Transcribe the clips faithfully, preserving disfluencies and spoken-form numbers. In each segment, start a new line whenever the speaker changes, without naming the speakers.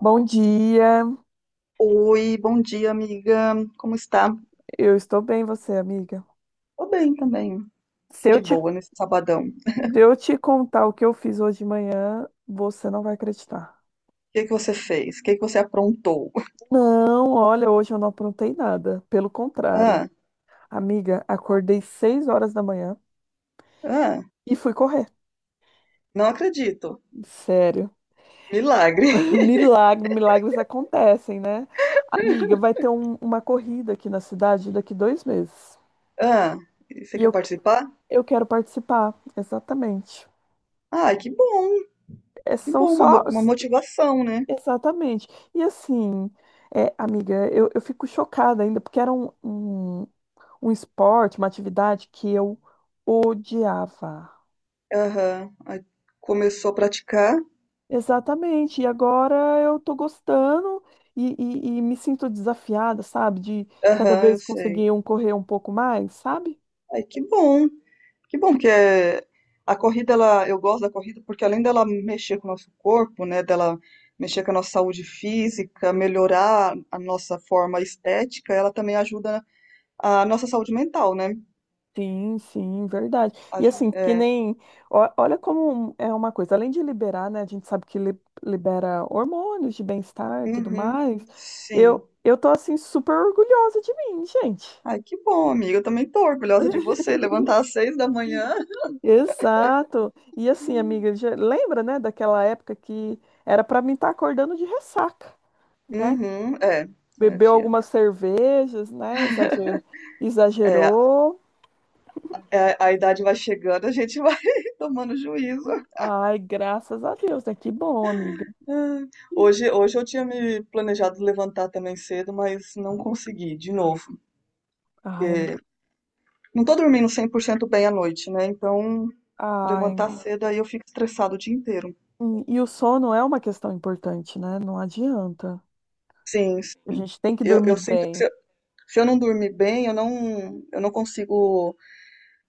Bom dia,
Oi, bom dia, amiga. Como está?
eu estou bem, você, amiga.
Tô bem também,
Se
aqui
eu
de
te, se
boa nesse sabadão. O
eu te contar o que eu fiz hoje de manhã, você não vai acreditar.
que que você fez? O que que você aprontou?
Não, olha, hoje eu não aprontei nada. Pelo contrário,
Ah,
amiga, acordei seis horas da manhã
ah,
e fui correr.
não acredito.
Sério.
Milagre.
Milagre, milagres acontecem, né? Amiga, vai ter um- uma corrida aqui na cidade daqui dois meses.
Ah, e você
E
quer
eu, que-
participar?
eu quero participar, exatamente.
Ai, que bom,
É,
que
são
bom, uma,
só.
mo- uma motivação, né?
Exatamente. E assim, é, amiga, eu, eu fico chocada ainda, porque era um, um, um esporte, uma atividade que eu odiava.
Aham. Aí começou a praticar.
Exatamente. E agora eu tô gostando e, e, e me sinto desafiada, sabe? De cada
Aham, eu
vez
sei.
conseguir um correr um pouco mais, sabe?
Ai, que bom. Que bom que é a corrida, ela, eu gosto da corrida porque além dela mexer com o nosso corpo, né, dela mexer com a nossa saúde física, melhorar a nossa forma estética, ela também ajuda a nossa saúde mental, né?
Sim, sim, verdade. E
Aju-
assim, que
é,
nem. ó- Olha como é uma coisa, além de liberar, né? A gente sabe que li- libera hormônios de bem-estar e tudo
uhum,
mais.
sim.
Eu, eu tô assim, super orgulhosa de mim, gente.
Ai, que bom, amiga. Eu também tô orgulhosa de você. Levantar às seis da manhã.
Exato. E assim, amiga, já- lembra, né, daquela época que era pra mim estar acordando de ressaca, né?
Uhum, é, é,
Bebeu
fia.
algumas cervejas, né? Exagerou.
É,
Exagerou.
é, a idade vai chegando, a gente vai tomando juízo.
Ai, graças a Deus, né? Que bom, amiga.
Ai, Hoje, hoje eu tinha me planejado levantar também cedo, mas não consegui, de novo.
Ai,
É,
amiga.
não tô dormindo cem por cento bem à noite, né? Então,
Ai.
levantar cedo aí eu fico estressado o dia inteiro.
E, e o sono é uma questão importante, né? Não adianta.
Sim, s-
A gente tem que
eu,
dormir
eu sinto que se
bem.
eu, se eu não dormir bem, eu não, eu não consigo,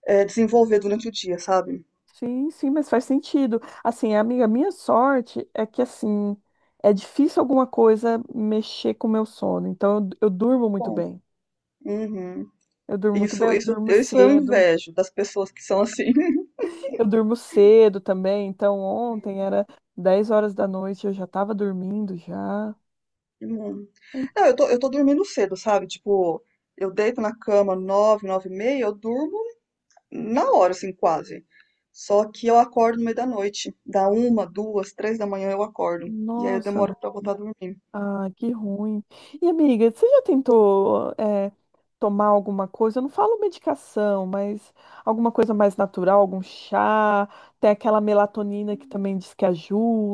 é, desenvolver durante o dia, sabe?
Sim, sim, mas faz sentido. Assim, amiga, a minha sorte é que, assim, é difícil alguma coisa mexer com o meu sono. Então, eu, eu durmo muito
Bom,
bem.
uhum.
Eu durmo muito bem,
Isso,
eu
isso,
durmo
isso eu
cedo.
invejo das pessoas que são assim.
Eu durmo cedo também. Então, ontem era dez horas da noite, eu já estava dormindo já.
Hum. Não, eu tô, eu tô dormindo cedo, sabe? Tipo, eu deito na cama nove, nove e meia, eu durmo na hora, assim, quase. Só que eu acordo no meio da noite. Da uma, duas, três da manhã eu acordo. E aí eu
Nossa.
demoro pra voltar a dormir.
Ah, que ruim. E amiga, você já tentou eh, tomar alguma coisa? Eu não falo medicação, mas alguma coisa mais natural, algum chá? Tem aquela melatonina que também diz que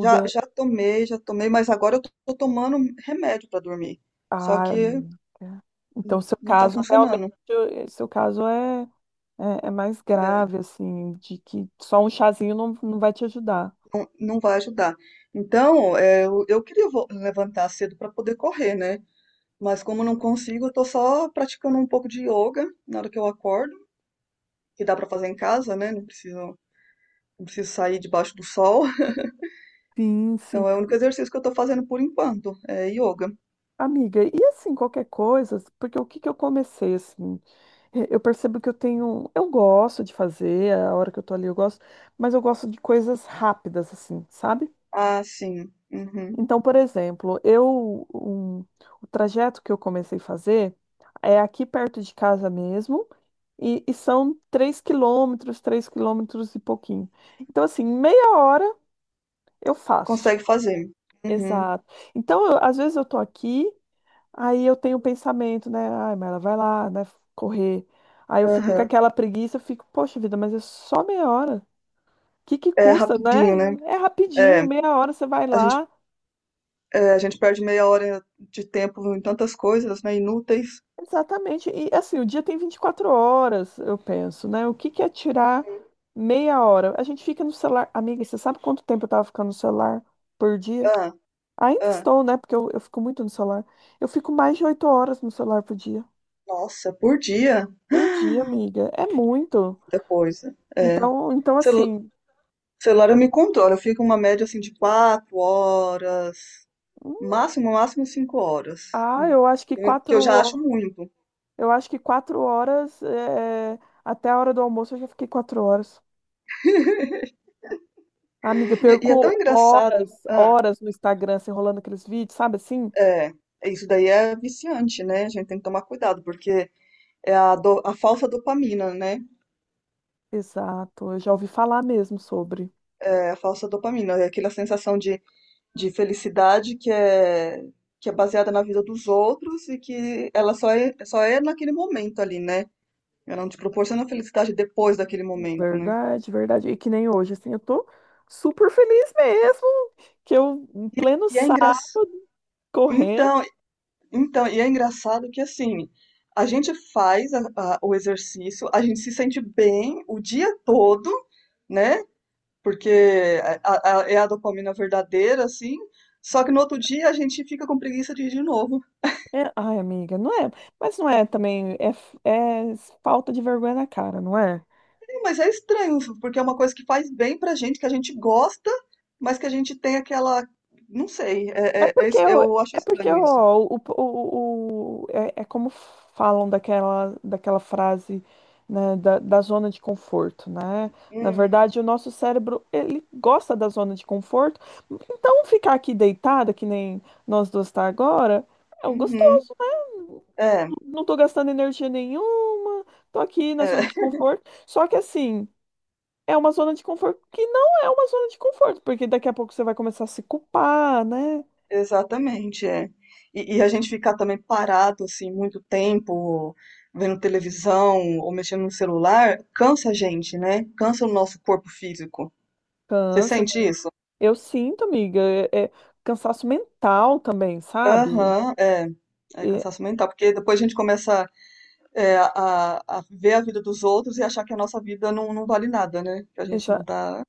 Já, já tomei, já tomei, mas agora eu tô, tô tomando remédio pra dormir. Só
Ah,
que
amiga. Então, seu
não tá
caso realmente,
funcionando.
eh, seu caso é, é, é mais
é,
grave, assim, de que só um chazinho não, não vai te ajudar.
não, não vai ajudar. Então, é, eu, eu queria vo- levantar cedo pra poder correr, né? Mas como eu não consigo, eu tô só praticando um pouco de yoga na hora que eu acordo, que dá pra fazer em casa, né? Não preciso, não preciso sair debaixo do sol.
Sim, sim.
Então é o único exercício que eu tô fazendo por enquanto, é yoga.
Amiga, e assim, qualquer coisa, porque o que que eu comecei, assim, eh, eu percebo que eu tenho, eu gosto de fazer, a hora que eu tô ali eu gosto, mas eu gosto de coisas rápidas, assim, sabe?
Ah, sim. Uhum.
Então, por exemplo, eu, um- o trajeto que eu comecei a fazer é aqui perto de casa mesmo, e, e são três quilômetros, três quilômetros e pouquinho. Então, assim, em meia hora eu faço.
Consegue fazer. Uhum.
Exato. Então, eu- às vezes eu tô aqui. Aí eu tenho o pensamento, né? Ai, mas ela vai lá, né? Correr. Aí eu fico com
Aham.
aquela preguiça, eu fico, poxa vida, mas é só meia hora. O que que
É
custa, né?
rapidinho, né?
É
É,
rapidinho, meia hora você vai
a gente,
lá.
é, a gente perde meia hora de tempo em tantas coisas, né? Inúteis.
Exatamente. E assim, o dia tem vinte e quatro horas, eu penso, né? O que que é tirar meia hora? A gente fica no celular. Amiga, você sabe quanto tempo eu tava ficando no celular por dia?
Ah,
Ainda
ah.
estou, né? Porque eu, eu fico muito no celular. Eu fico mais de oito horas no celular por dia.
Nossa, por dia?
Por dia, amiga. É muito.
Muita coisa. É.
Então, então
Celu-
assim.
celular eu me controlo, eu fico uma média assim de quatro horas,
Hum,
máximo, máximo cinco horas,
Ah,
né?
eu acho que
Eu- Que
quatro,
eu já acho
ho-
muito.
eu acho que quatro horas, é, até a hora do almoço eu já fiquei quatro horas. Amiga, eu
E, e é tão
perco
engraçado.
horas,
ah,
horas no Instagram, se enrolando aqueles vídeos, sabe assim?
É, isso daí é viciante, né? A gente tem que tomar cuidado, porque é a, do- a falsa dopamina, né?
Exato, eu já ouvi falar mesmo sobre.
É a falsa dopamina, é aquela sensação de, de felicidade que é, que é baseada na vida dos outros e que ela só é, só é naquele momento ali, né? Ela não te proporciona felicidade depois daquele momento, né?
Verdade, verdade. E que nem hoje, assim, eu tô super feliz mesmo, que eu, em pleno
E é engraçado.
sábado, correndo.
Então, então, e é engraçado que assim, a gente faz a- a- o exercício, a gente se sente bem o dia todo né? Porque é a, a- é a dopamina verdadeira, assim. Só que no outro dia a gente fica com preguiça de ir de novo.
É, ai, amiga, não é, mas não é também, é, f- é falta de vergonha na cara, não é?
Sim, mas é estranho, porque é uma coisa que faz bem pra gente, que a gente gosta, mas que a gente tem aquela. Não sei,
É
é- é- é
porque,
es-
o-
eu acho
é porque
estranho isso.
ó, o, o, o- é, é como falam daquela, daquela frase, né, da, da zona de conforto, né? Na
Hum,
verdade, o nosso cérebro, ele gosta da zona de conforto, então ficar aqui deitada, que nem nós duas tá agora, é um
uhum,
gostoso, né?
é,
Não tô gastando energia nenhuma, tô aqui na
é,
zona de conforto. Só que assim, é uma zona de conforto que não é uma zona de conforto, porque daqui a pouco você vai começar a se culpar, né?
exatamente, é. E, e a gente ficar também parado, assim, muito tempo, vendo televisão ou mexendo no celular, cansa a gente, né? Cansa o nosso corpo físico. Você
Cansa.
sente isso?
Eu sinto, amiga, é, é cansaço mental também, sabe?
Aham, é. É
É,
cansaço mental, porque depois a gente começa é, a, a ver a vida dos outros e achar que a nossa vida não, não vale nada, né? Que a gente não
exa-
tá,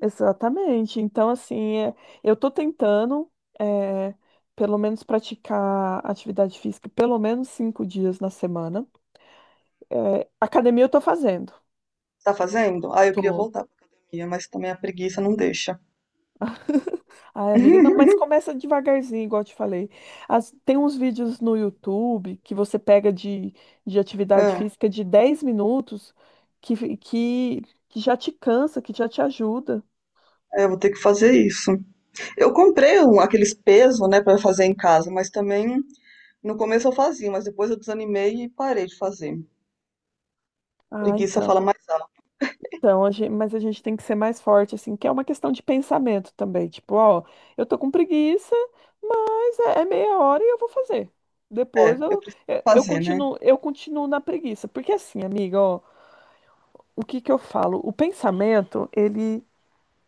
exatamente. Então, assim, é, eu tô tentando, é, pelo menos, praticar atividade física pelo menos cinco dias na semana. É, academia eu tô fazendo.
tá fazendo. Ah, eu queria
Tô.
voltar pra academia, mas também a preguiça não deixa.
Ai, amiga, não, mas começa devagarzinho, igual eu te falei. As- tem uns vídeos no YouTube que você pega de, de atividade
É,
física de dez minutos que, fi- que, que já te cansa, que já te ajuda.
é, eu vou ter que fazer isso. Eu comprei um- aqueles pesos, né, pra fazer em casa, mas também no começo eu fazia, mas depois eu desanimei e parei de fazer.
Ah,
Preguiça
então.
fala mais alto.
Então, a gente, mas a gente tem que ser mais forte, assim, que é uma questão de pensamento também. Tipo, ó, eu tô com preguiça, mas é, é meia hora e eu vou fazer.
É,
Depois
eu
eu,
preciso
eu, eu
fazer, né?
continuo, eu continuo na preguiça. Porque assim, amiga, ó, o que que eu falo? O pensamento, ele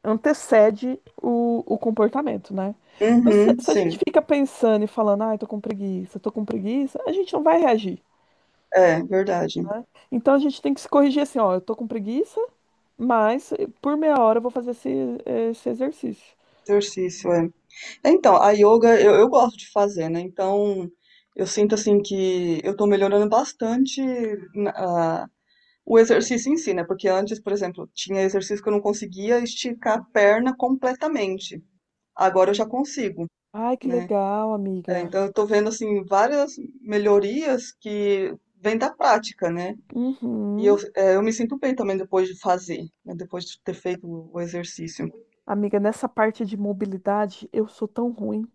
antecede o, o comportamento, né? Então, se,
Uhum,
se a gente
sim,
fica pensando e falando, ai, tô com preguiça, tô com preguiça, a gente não vai reagir.
é verdade.
Então, a gente tem que se corrigir assim, ó, eu tô com preguiça, mas eh, por meia hora eu vou fazer esse, esse exercício.
Exercício, é. Então, a yoga eu, eu gosto de fazer, né? Então, eu sinto assim que eu tô melhorando bastante na- a- o exercício em si, né? Porque antes, por exemplo, tinha exercício que eu não conseguia esticar a perna completamente. Agora eu já
Uhum.
consigo,
Ai, que
né?
legal,
É,
amiga.
então, eu tô vendo assim várias melhorias que vêm da prática, né? E eu,
Uhum.
é, eu me sinto bem também depois de fazer, né? Depois de ter feito o exercício.
Amiga, nessa parte de mobilidade, eu sou tão ruim.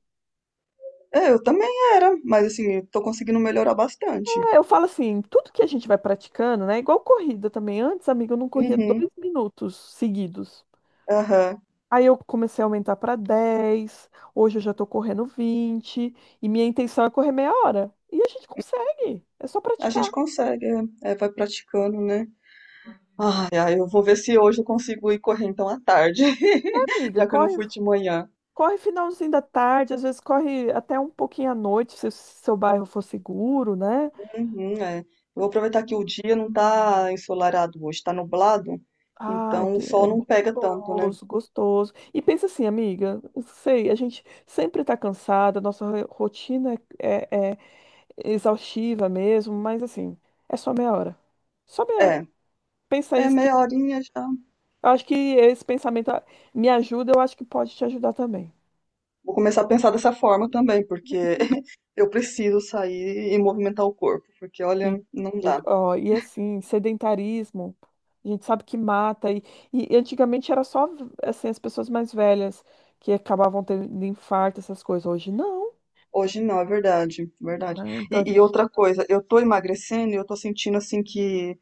É, eu também era, mas assim, eu tô conseguindo melhorar bastante.
É, eu falo assim, tudo que a gente vai praticando, né? Igual corrida também. Antes, amiga, eu não corria
Uhum.
dois minutos seguidos.
Aham.
Aí eu comecei a aumentar para dez. Hoje eu já tô correndo vinte e minha intenção é correr meia hora. E a gente consegue, é só
A
praticar,
gente consegue, é, é, vai praticando, né? Ai, ai, eu vou ver se hoje eu consigo ir correr então à tarde,
amiga.
já que eu não
Corre,
fui de manhã.
corre finalzinho da tarde, às vezes corre até um pouquinho à noite, se o seu bairro for seguro, né?
Uhum, é. Eu vou aproveitar que o dia não tá ensolarado hoje, tá nublado,
Ai,
então o
que é
sol não pega tanto, né?
gostoso, gostoso. E pensa assim, amiga, eu sei, a gente sempre tá cansada, nossa ro- rotina é, é é exaustiva mesmo, mas assim, é só meia hora. Só meia hora.
É,
Pensa
é
isso.
meia horinha já.
Eu acho que esse pensamento ah, me ajuda, eu acho que pode te ajudar também.
Vou começar a pensar dessa forma também, porque eu preciso sair e movimentar o corpo, porque
Sim.
olha, não
Eu-
dá.
ó, e assim, sedentarismo, a gente sabe que mata. E, e antigamente era só assim, as pessoas mais velhas que acabavam tendo infarto, essas coisas. Hoje não,
Hoje não, é verdade, verdade.
né? Então a
E, e
gente.
outra coisa, eu tô emagrecendo e eu tô sentindo assim que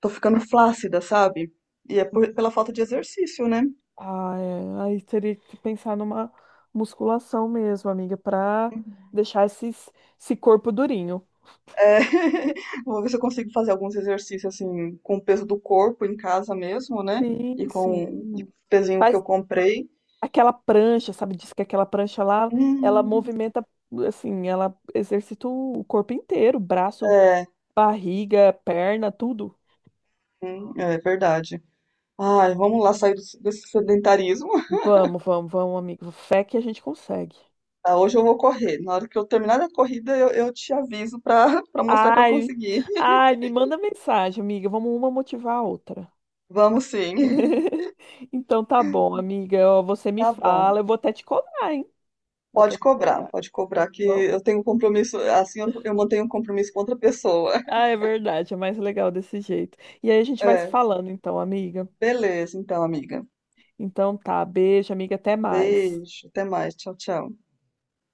tô ficando flácida, sabe? E é por- pela falta de exercício, né?
Ah, é, aí teria que pensar numa musculação mesmo, amiga, para
Uhum.
deixar esses, esse corpo durinho.
É, vou ver se eu consigo fazer alguns exercícios assim com o peso do corpo em casa mesmo, né?
Sim,
E com e
sim.
com o pezinho que
Faz
eu comprei.
aquela prancha, sabe? Diz que aquela prancha lá, ela
Hum,
movimenta, assim, ela exercita o corpo inteiro, braço,
é,
barriga, perna, tudo.
hum, é verdade. Ai, vamos lá sair do- desse sedentarismo.
Vamos, vamos, vamos, amigo. Fé que a gente consegue.
Ah, hoje eu vou correr. Na hora que eu terminar a corrida, eu, eu te aviso para para mostrar que eu
Ai,
consegui.
ai, me manda mensagem, amiga. Vamos uma motivar a outra.
Vamos sim.
Então tá bom, amiga. Ó, você me
Tá bom.
fala, eu vou até te cobrar, hein? Vou
Pode
até te
cobrar,
cobrar. Tá.
pode cobrar que
Bom,
eu tenho um compromisso, assim eu, eu mantenho um compromisso com outra pessoa.
ah, é verdade, é mais legal desse jeito. E aí a gente vai se
É,
falando, então, amiga.
beleza, então, amiga.
Então tá, beijo, amiga, até mais.
Beijo, até mais, tchau, tchau.